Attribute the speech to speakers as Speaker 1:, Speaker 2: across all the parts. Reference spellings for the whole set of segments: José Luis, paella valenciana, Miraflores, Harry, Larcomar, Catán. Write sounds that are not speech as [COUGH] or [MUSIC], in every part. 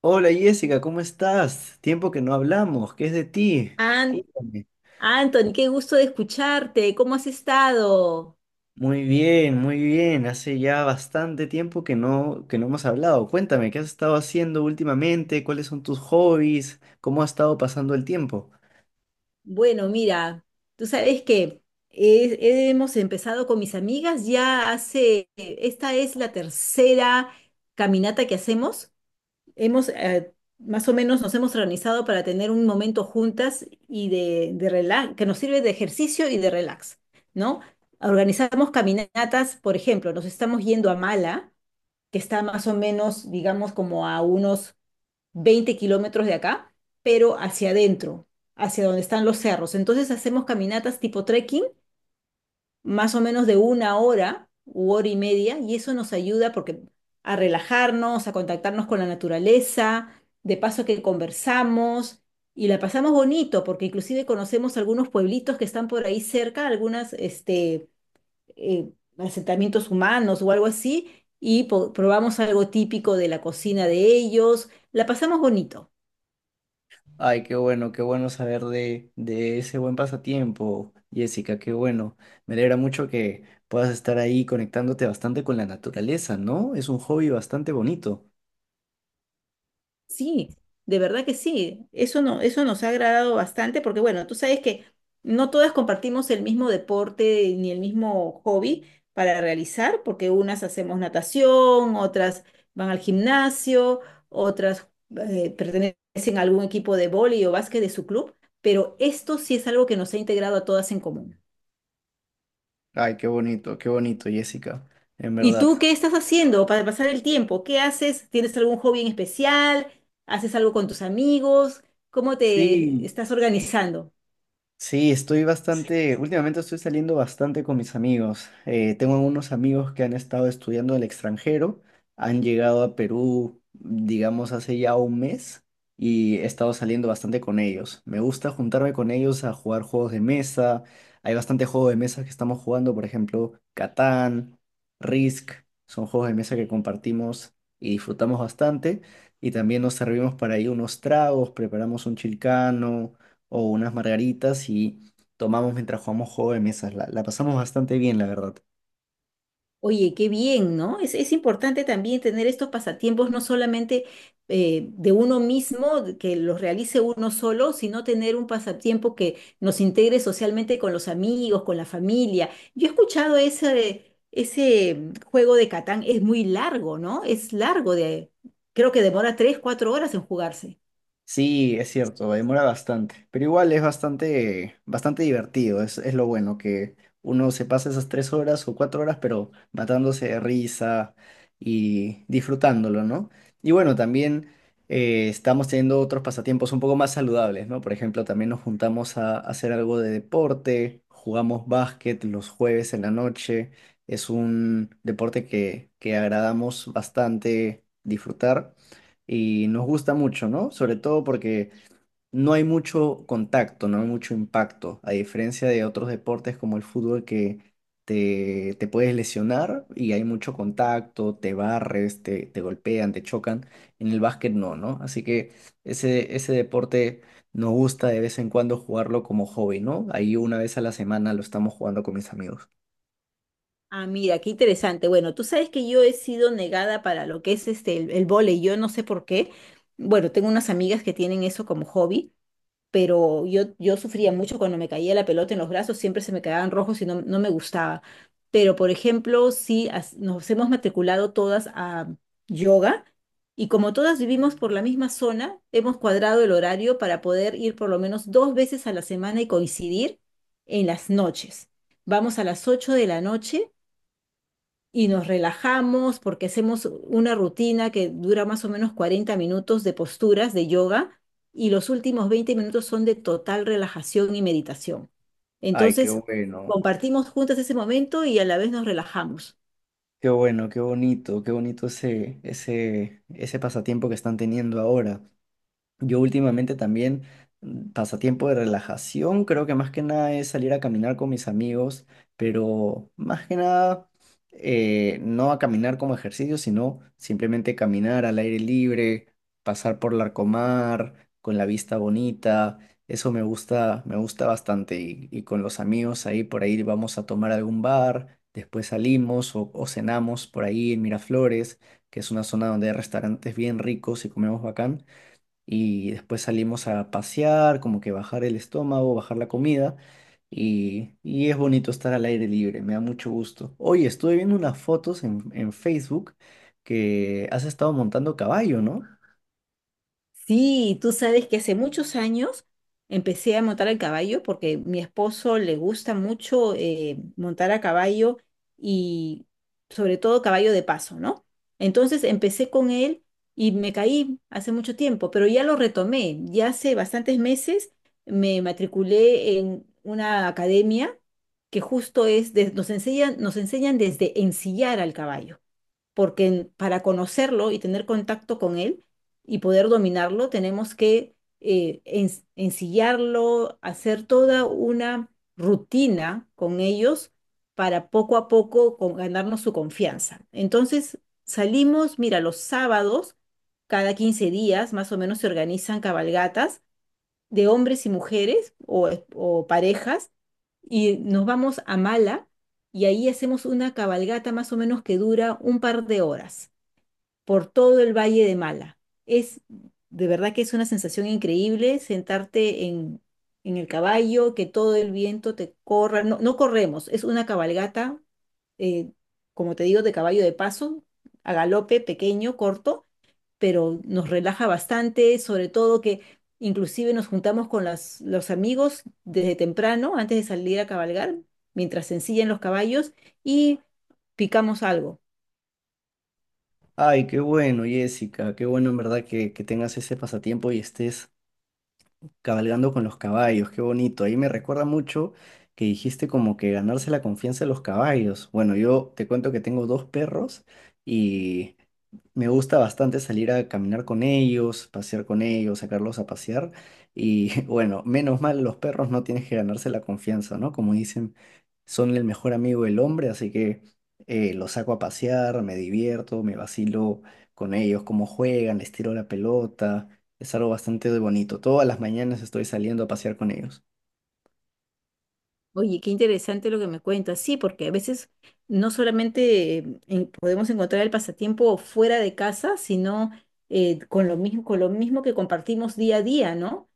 Speaker 1: Hola Jessica, ¿cómo estás? Tiempo que no hablamos, ¿qué es de ti?
Speaker 2: An-
Speaker 1: Cuéntame.
Speaker 2: Anthony, qué gusto de escucharte. ¿Cómo has estado?
Speaker 1: Muy bien, muy bien. Hace ya bastante tiempo que no hemos hablado. Cuéntame, ¿qué has estado haciendo últimamente? ¿Cuáles son tus hobbies? ¿Cómo ha estado pasando el tiempo?
Speaker 2: Bueno, mira, tú sabes que hemos empezado con mis amigas ya hace, esta es la tercera caminata que hacemos. Hemos, más o menos nos hemos organizado para tener un momento juntas y de relax, que nos sirve de ejercicio y de relax, ¿no? Organizamos caminatas, por ejemplo, nos estamos yendo a Mala, que está más o menos, digamos, como a unos 20 km de acá, pero hacia adentro, hacia donde están los cerros. Entonces hacemos caminatas tipo trekking, más o menos de una hora u hora y media, y eso nos ayuda porque a relajarnos, a contactarnos con la naturaleza, de paso que conversamos y la pasamos bonito, porque inclusive conocemos algunos pueblitos que están por ahí cerca, algunas, este, eh, asentamientos humanos o algo así, y probamos algo típico de la cocina de ellos. La pasamos bonito.
Speaker 1: Ay, qué bueno saber de ese buen pasatiempo, Jessica, qué bueno. Me alegra mucho que puedas estar ahí conectándote bastante con la naturaleza, ¿no? Es un hobby bastante bonito.
Speaker 2: Sí, de verdad que sí. Eso no, eso nos ha agradado bastante porque, bueno, tú sabes que no todas compartimos el mismo deporte ni el mismo hobby para realizar, porque unas hacemos natación, otras van al gimnasio, otras pertenecen a algún equipo de vóley o básquet de su club, pero esto sí es algo que nos ha integrado a todas en común.
Speaker 1: Ay, qué bonito, Jessica, en
Speaker 2: ¿Y
Speaker 1: verdad.
Speaker 2: tú qué estás haciendo para pasar el tiempo? ¿Qué haces? ¿Tienes algún hobby en especial? ¿Haces algo con tus amigos? ¿Cómo te
Speaker 1: Sí,
Speaker 2: estás organizando?
Speaker 1: sí, estoy bastante, últimamente estoy saliendo bastante con mis amigos. Tengo unos amigos que han estado estudiando en el extranjero, han llegado a Perú, digamos, hace ya un mes y he estado saliendo bastante con ellos. Me gusta juntarme con ellos a jugar juegos de mesa. Hay bastante juego de mesa que estamos jugando, por ejemplo, Catán, Risk, son juegos de mesa que compartimos y disfrutamos bastante. Y también nos servimos para ahí unos tragos, preparamos un chilcano o unas margaritas y tomamos mientras jugamos juego de mesas. La pasamos bastante bien, la verdad.
Speaker 2: Oye, qué bien, ¿no? Es importante también tener estos pasatiempos, no solamente de uno mismo, de que los realice uno solo, sino tener un pasatiempo que nos integre socialmente con los amigos, con la familia. Yo he escuchado ese, ese juego de Catán, es muy largo, ¿no? Es largo de, creo que demora 3, 4 horas en jugarse.
Speaker 1: Sí, es cierto, demora bastante, pero igual es bastante, bastante divertido, es lo bueno, que uno se pasa esas tres horas o cuatro horas, pero matándose de risa y disfrutándolo, ¿no? Y bueno, también estamos teniendo otros pasatiempos un poco más saludables, ¿no? Por ejemplo, también nos juntamos a hacer algo de deporte, jugamos básquet los jueves en la noche, es un deporte que agradamos bastante disfrutar y nos gusta mucho, ¿no? Sobre todo porque no hay mucho contacto, no hay mucho impacto, a diferencia de otros deportes como el fútbol que te puedes lesionar y hay mucho contacto, te barres, te golpean, te chocan, en el básquet no, ¿no? Así que ese deporte nos gusta de vez en cuando jugarlo como hobby, ¿no? Ahí una vez a la semana lo estamos jugando con mis amigos.
Speaker 2: Ah, mira, qué interesante. Bueno, tú sabes que yo he sido negada para lo que es este, el vóley, yo no sé por qué. Bueno, tengo unas amigas que tienen eso como hobby, pero yo sufría mucho cuando me caía la pelota en los brazos, siempre se me quedaban rojos y no, no me gustaba. Pero, por ejemplo, sí, nos hemos matriculado todas a yoga y como todas vivimos por la misma zona, hemos cuadrado el horario para poder ir por lo menos dos veces a la semana y coincidir en las noches. Vamos a las 8 de la noche y nos relajamos porque hacemos una rutina que dura más o menos 40 minutos de posturas de yoga y los últimos 20 minutos son de total relajación y meditación.
Speaker 1: Ay, qué
Speaker 2: Entonces,
Speaker 1: bueno,
Speaker 2: compartimos juntas ese momento y a la vez nos relajamos.
Speaker 1: qué bueno, qué bonito ese, ese, ese pasatiempo que están teniendo ahora. Yo últimamente también, pasatiempo de relajación, creo que más que nada es salir a caminar con mis amigos, pero más que nada no a caminar como ejercicio, sino simplemente caminar al aire libre, pasar por Larcomar, con la vista bonita, eso me gusta bastante y con los amigos ahí por ahí vamos a tomar algún bar, después salimos o cenamos por ahí en Miraflores, que es una zona donde hay restaurantes bien ricos y comemos bacán y después salimos a pasear, como que bajar el estómago, bajar la comida y es bonito estar al aire libre, me da mucho gusto. Oye, estuve viendo unas fotos en Facebook que has estado montando caballo, ¿no?
Speaker 2: Sí, tú sabes que hace muchos años empecé a montar a caballo porque mi esposo le gusta mucho montar a caballo y sobre todo caballo de paso, ¿no? Entonces empecé con él y me caí hace mucho tiempo, pero ya lo retomé. Ya hace bastantes meses me matriculé en una academia que justo es, nos enseñan, desde ensillar al caballo porque para conocerlo y tener contacto con él y poder dominarlo, tenemos que ensillarlo, hacer toda una rutina con ellos para poco a poco ganarnos su confianza. Entonces, salimos, mira, los sábados, cada 15 días más o menos se organizan cabalgatas de hombres y mujeres o parejas y nos vamos a Mala y ahí hacemos una cabalgata más o menos que dura un par de horas por todo el Valle de Mala. Es de verdad que es una sensación increíble sentarte en el caballo, que todo el viento te corra. No, no corremos, es una cabalgata, eh, como te digo, de caballo de paso, a galope, pequeño, corto, pero nos relaja bastante, sobre todo que inclusive nos juntamos con los amigos desde temprano, antes de salir a cabalgar, mientras se ensillan los caballos y picamos algo.
Speaker 1: Ay, qué bueno, Jessica, qué bueno en verdad que tengas ese pasatiempo y estés cabalgando con los caballos, qué bonito. Ahí me recuerda mucho que dijiste como que ganarse la confianza de los caballos. Bueno, yo te cuento que tengo dos perros y me gusta bastante salir a caminar con ellos, pasear con ellos, sacarlos a pasear. Y [LAUGHS] bueno, menos mal, los perros no tienes que ganarse la confianza, ¿no? Como dicen, son el mejor amigo del hombre, así que los saco a pasear, me divierto, me vacilo con ellos, cómo juegan, les tiro la pelota. Es algo bastante bonito. Todas las mañanas estoy saliendo a pasear con ellos.
Speaker 2: Oye, qué interesante lo que me cuentas. Sí, porque a veces no solamente podemos encontrar el pasatiempo fuera de casa, sino con lo mismo que compartimos día a día, ¿no?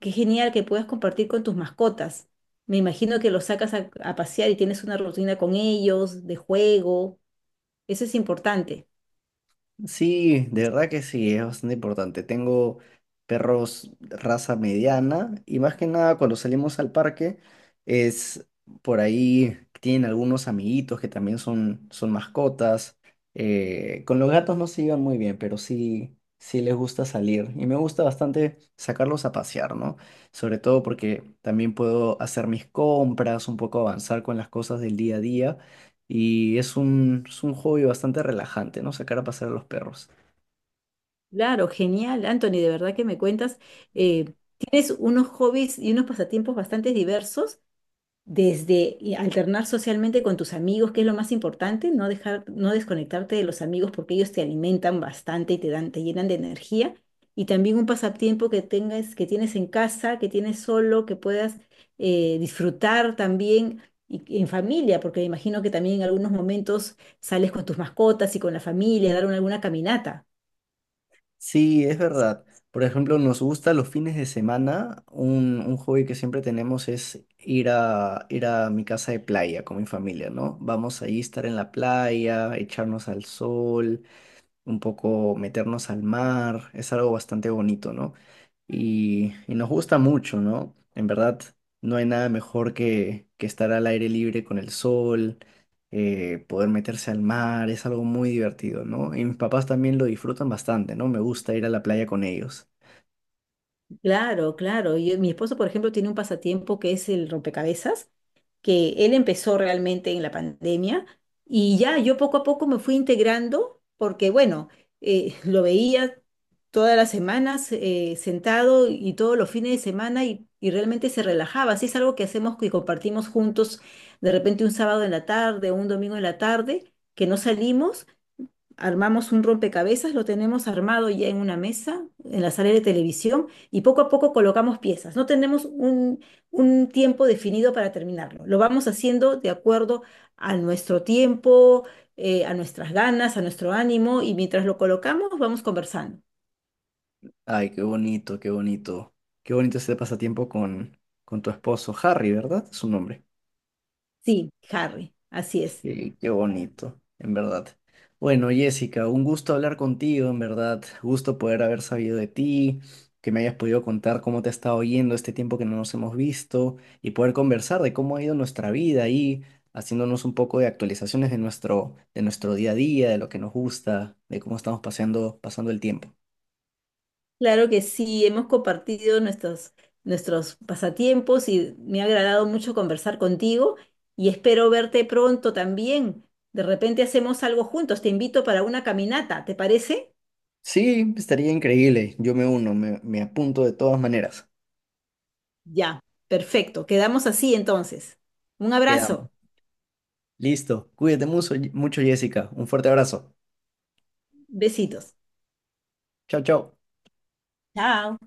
Speaker 2: Qué genial que puedas compartir con tus mascotas. Me imagino que los sacas a pasear y tienes una rutina con ellos, de juego. Eso es importante.
Speaker 1: Sí, de verdad que sí, es bastante importante. Tengo perros raza mediana y más que nada cuando salimos al parque es por ahí, tienen algunos amiguitos que también son, son mascotas. Con los gatos no se llevan muy bien, pero sí, sí les gusta salir y me gusta bastante sacarlos a pasear, ¿no? Sobre todo porque también puedo hacer mis compras, un poco avanzar con las cosas del día a día. Y es un hobby bastante relajante, ¿no? Sacar a pasear a los perros.
Speaker 2: Claro, genial, Anthony, de verdad que me cuentas. eh, tienes unos hobbies y unos pasatiempos bastante diversos desde y alternar socialmente con tus amigos, que es lo más importante, no dejar, no desconectarte de los amigos porque ellos te alimentan bastante y te dan, te llenan de energía. Y también un pasatiempo que tengas, que tienes en casa, que tienes solo, que puedas disfrutar también y en familia, porque me imagino que también en algunos momentos sales con tus mascotas y con la familia, a dar alguna caminata.
Speaker 1: Sí, es verdad. Por ejemplo, nos gusta los fines de semana. Un hobby que siempre tenemos es ir ir a mi casa de playa con mi familia, ¿no? Vamos ahí a estar en la playa, echarnos al sol, un poco meternos al mar. Es algo bastante bonito, ¿no? Y nos gusta mucho, ¿no? En verdad, no hay nada mejor que estar al aire libre con el sol, poder meterse al mar, es algo muy divertido, ¿no? Y mis papás también lo disfrutan bastante, ¿no? Me gusta ir a la playa con ellos.
Speaker 2: Claro, claro. Mi esposo, por ejemplo, tiene un pasatiempo que es el rompecabezas, que él empezó realmente en la pandemia y ya yo poco a poco me fui integrando porque, bueno, [LAUGHS] lo veía todas las semanas, sentado y todos los fines de semana y realmente se relajaba. Así es algo que hacemos y compartimos juntos de repente un sábado en la tarde, un domingo en la tarde, que no salimos armamos un rompecabezas, lo tenemos armado ya en una mesa, en la sala de televisión, y poco a poco colocamos piezas. No tenemos un tiempo definido para terminarlo. Lo vamos haciendo de acuerdo a nuestro tiempo, a nuestras ganas, a nuestro ánimo, y mientras lo colocamos, vamos conversando.
Speaker 1: Ay, qué bonito, qué bonito. Qué bonito este pasatiempo con tu esposo, Harry, ¿verdad? Es su nombre.
Speaker 2: Sí, Harry, así es.
Speaker 1: Qué, qué bonito, en verdad. Bueno, Jessica, un gusto hablar contigo, en verdad. Gusto poder haber sabido de ti, que me hayas podido contar cómo te ha estado yendo este tiempo que no nos hemos visto y poder conversar de cómo ha ido nuestra vida y haciéndonos un poco de actualizaciones de nuestro día a día, de lo que nos gusta, de cómo estamos paseando, pasando el tiempo.
Speaker 2: Claro que sí, hemos compartido nuestros pasatiempos y me ha agradado mucho conversar contigo y espero verte pronto también. De repente hacemos algo juntos, te invito para una caminata, ¿te parece?
Speaker 1: Sí, estaría increíble. Yo me uno, me apunto de todas maneras.
Speaker 2: Ya, perfecto, quedamos así entonces. Un
Speaker 1: Quedamos.
Speaker 2: abrazo,
Speaker 1: Listo. Cuídate mucho, mucho, Jessica. Un fuerte abrazo.
Speaker 2: besitos.
Speaker 1: Chao, chao.
Speaker 2: Chao.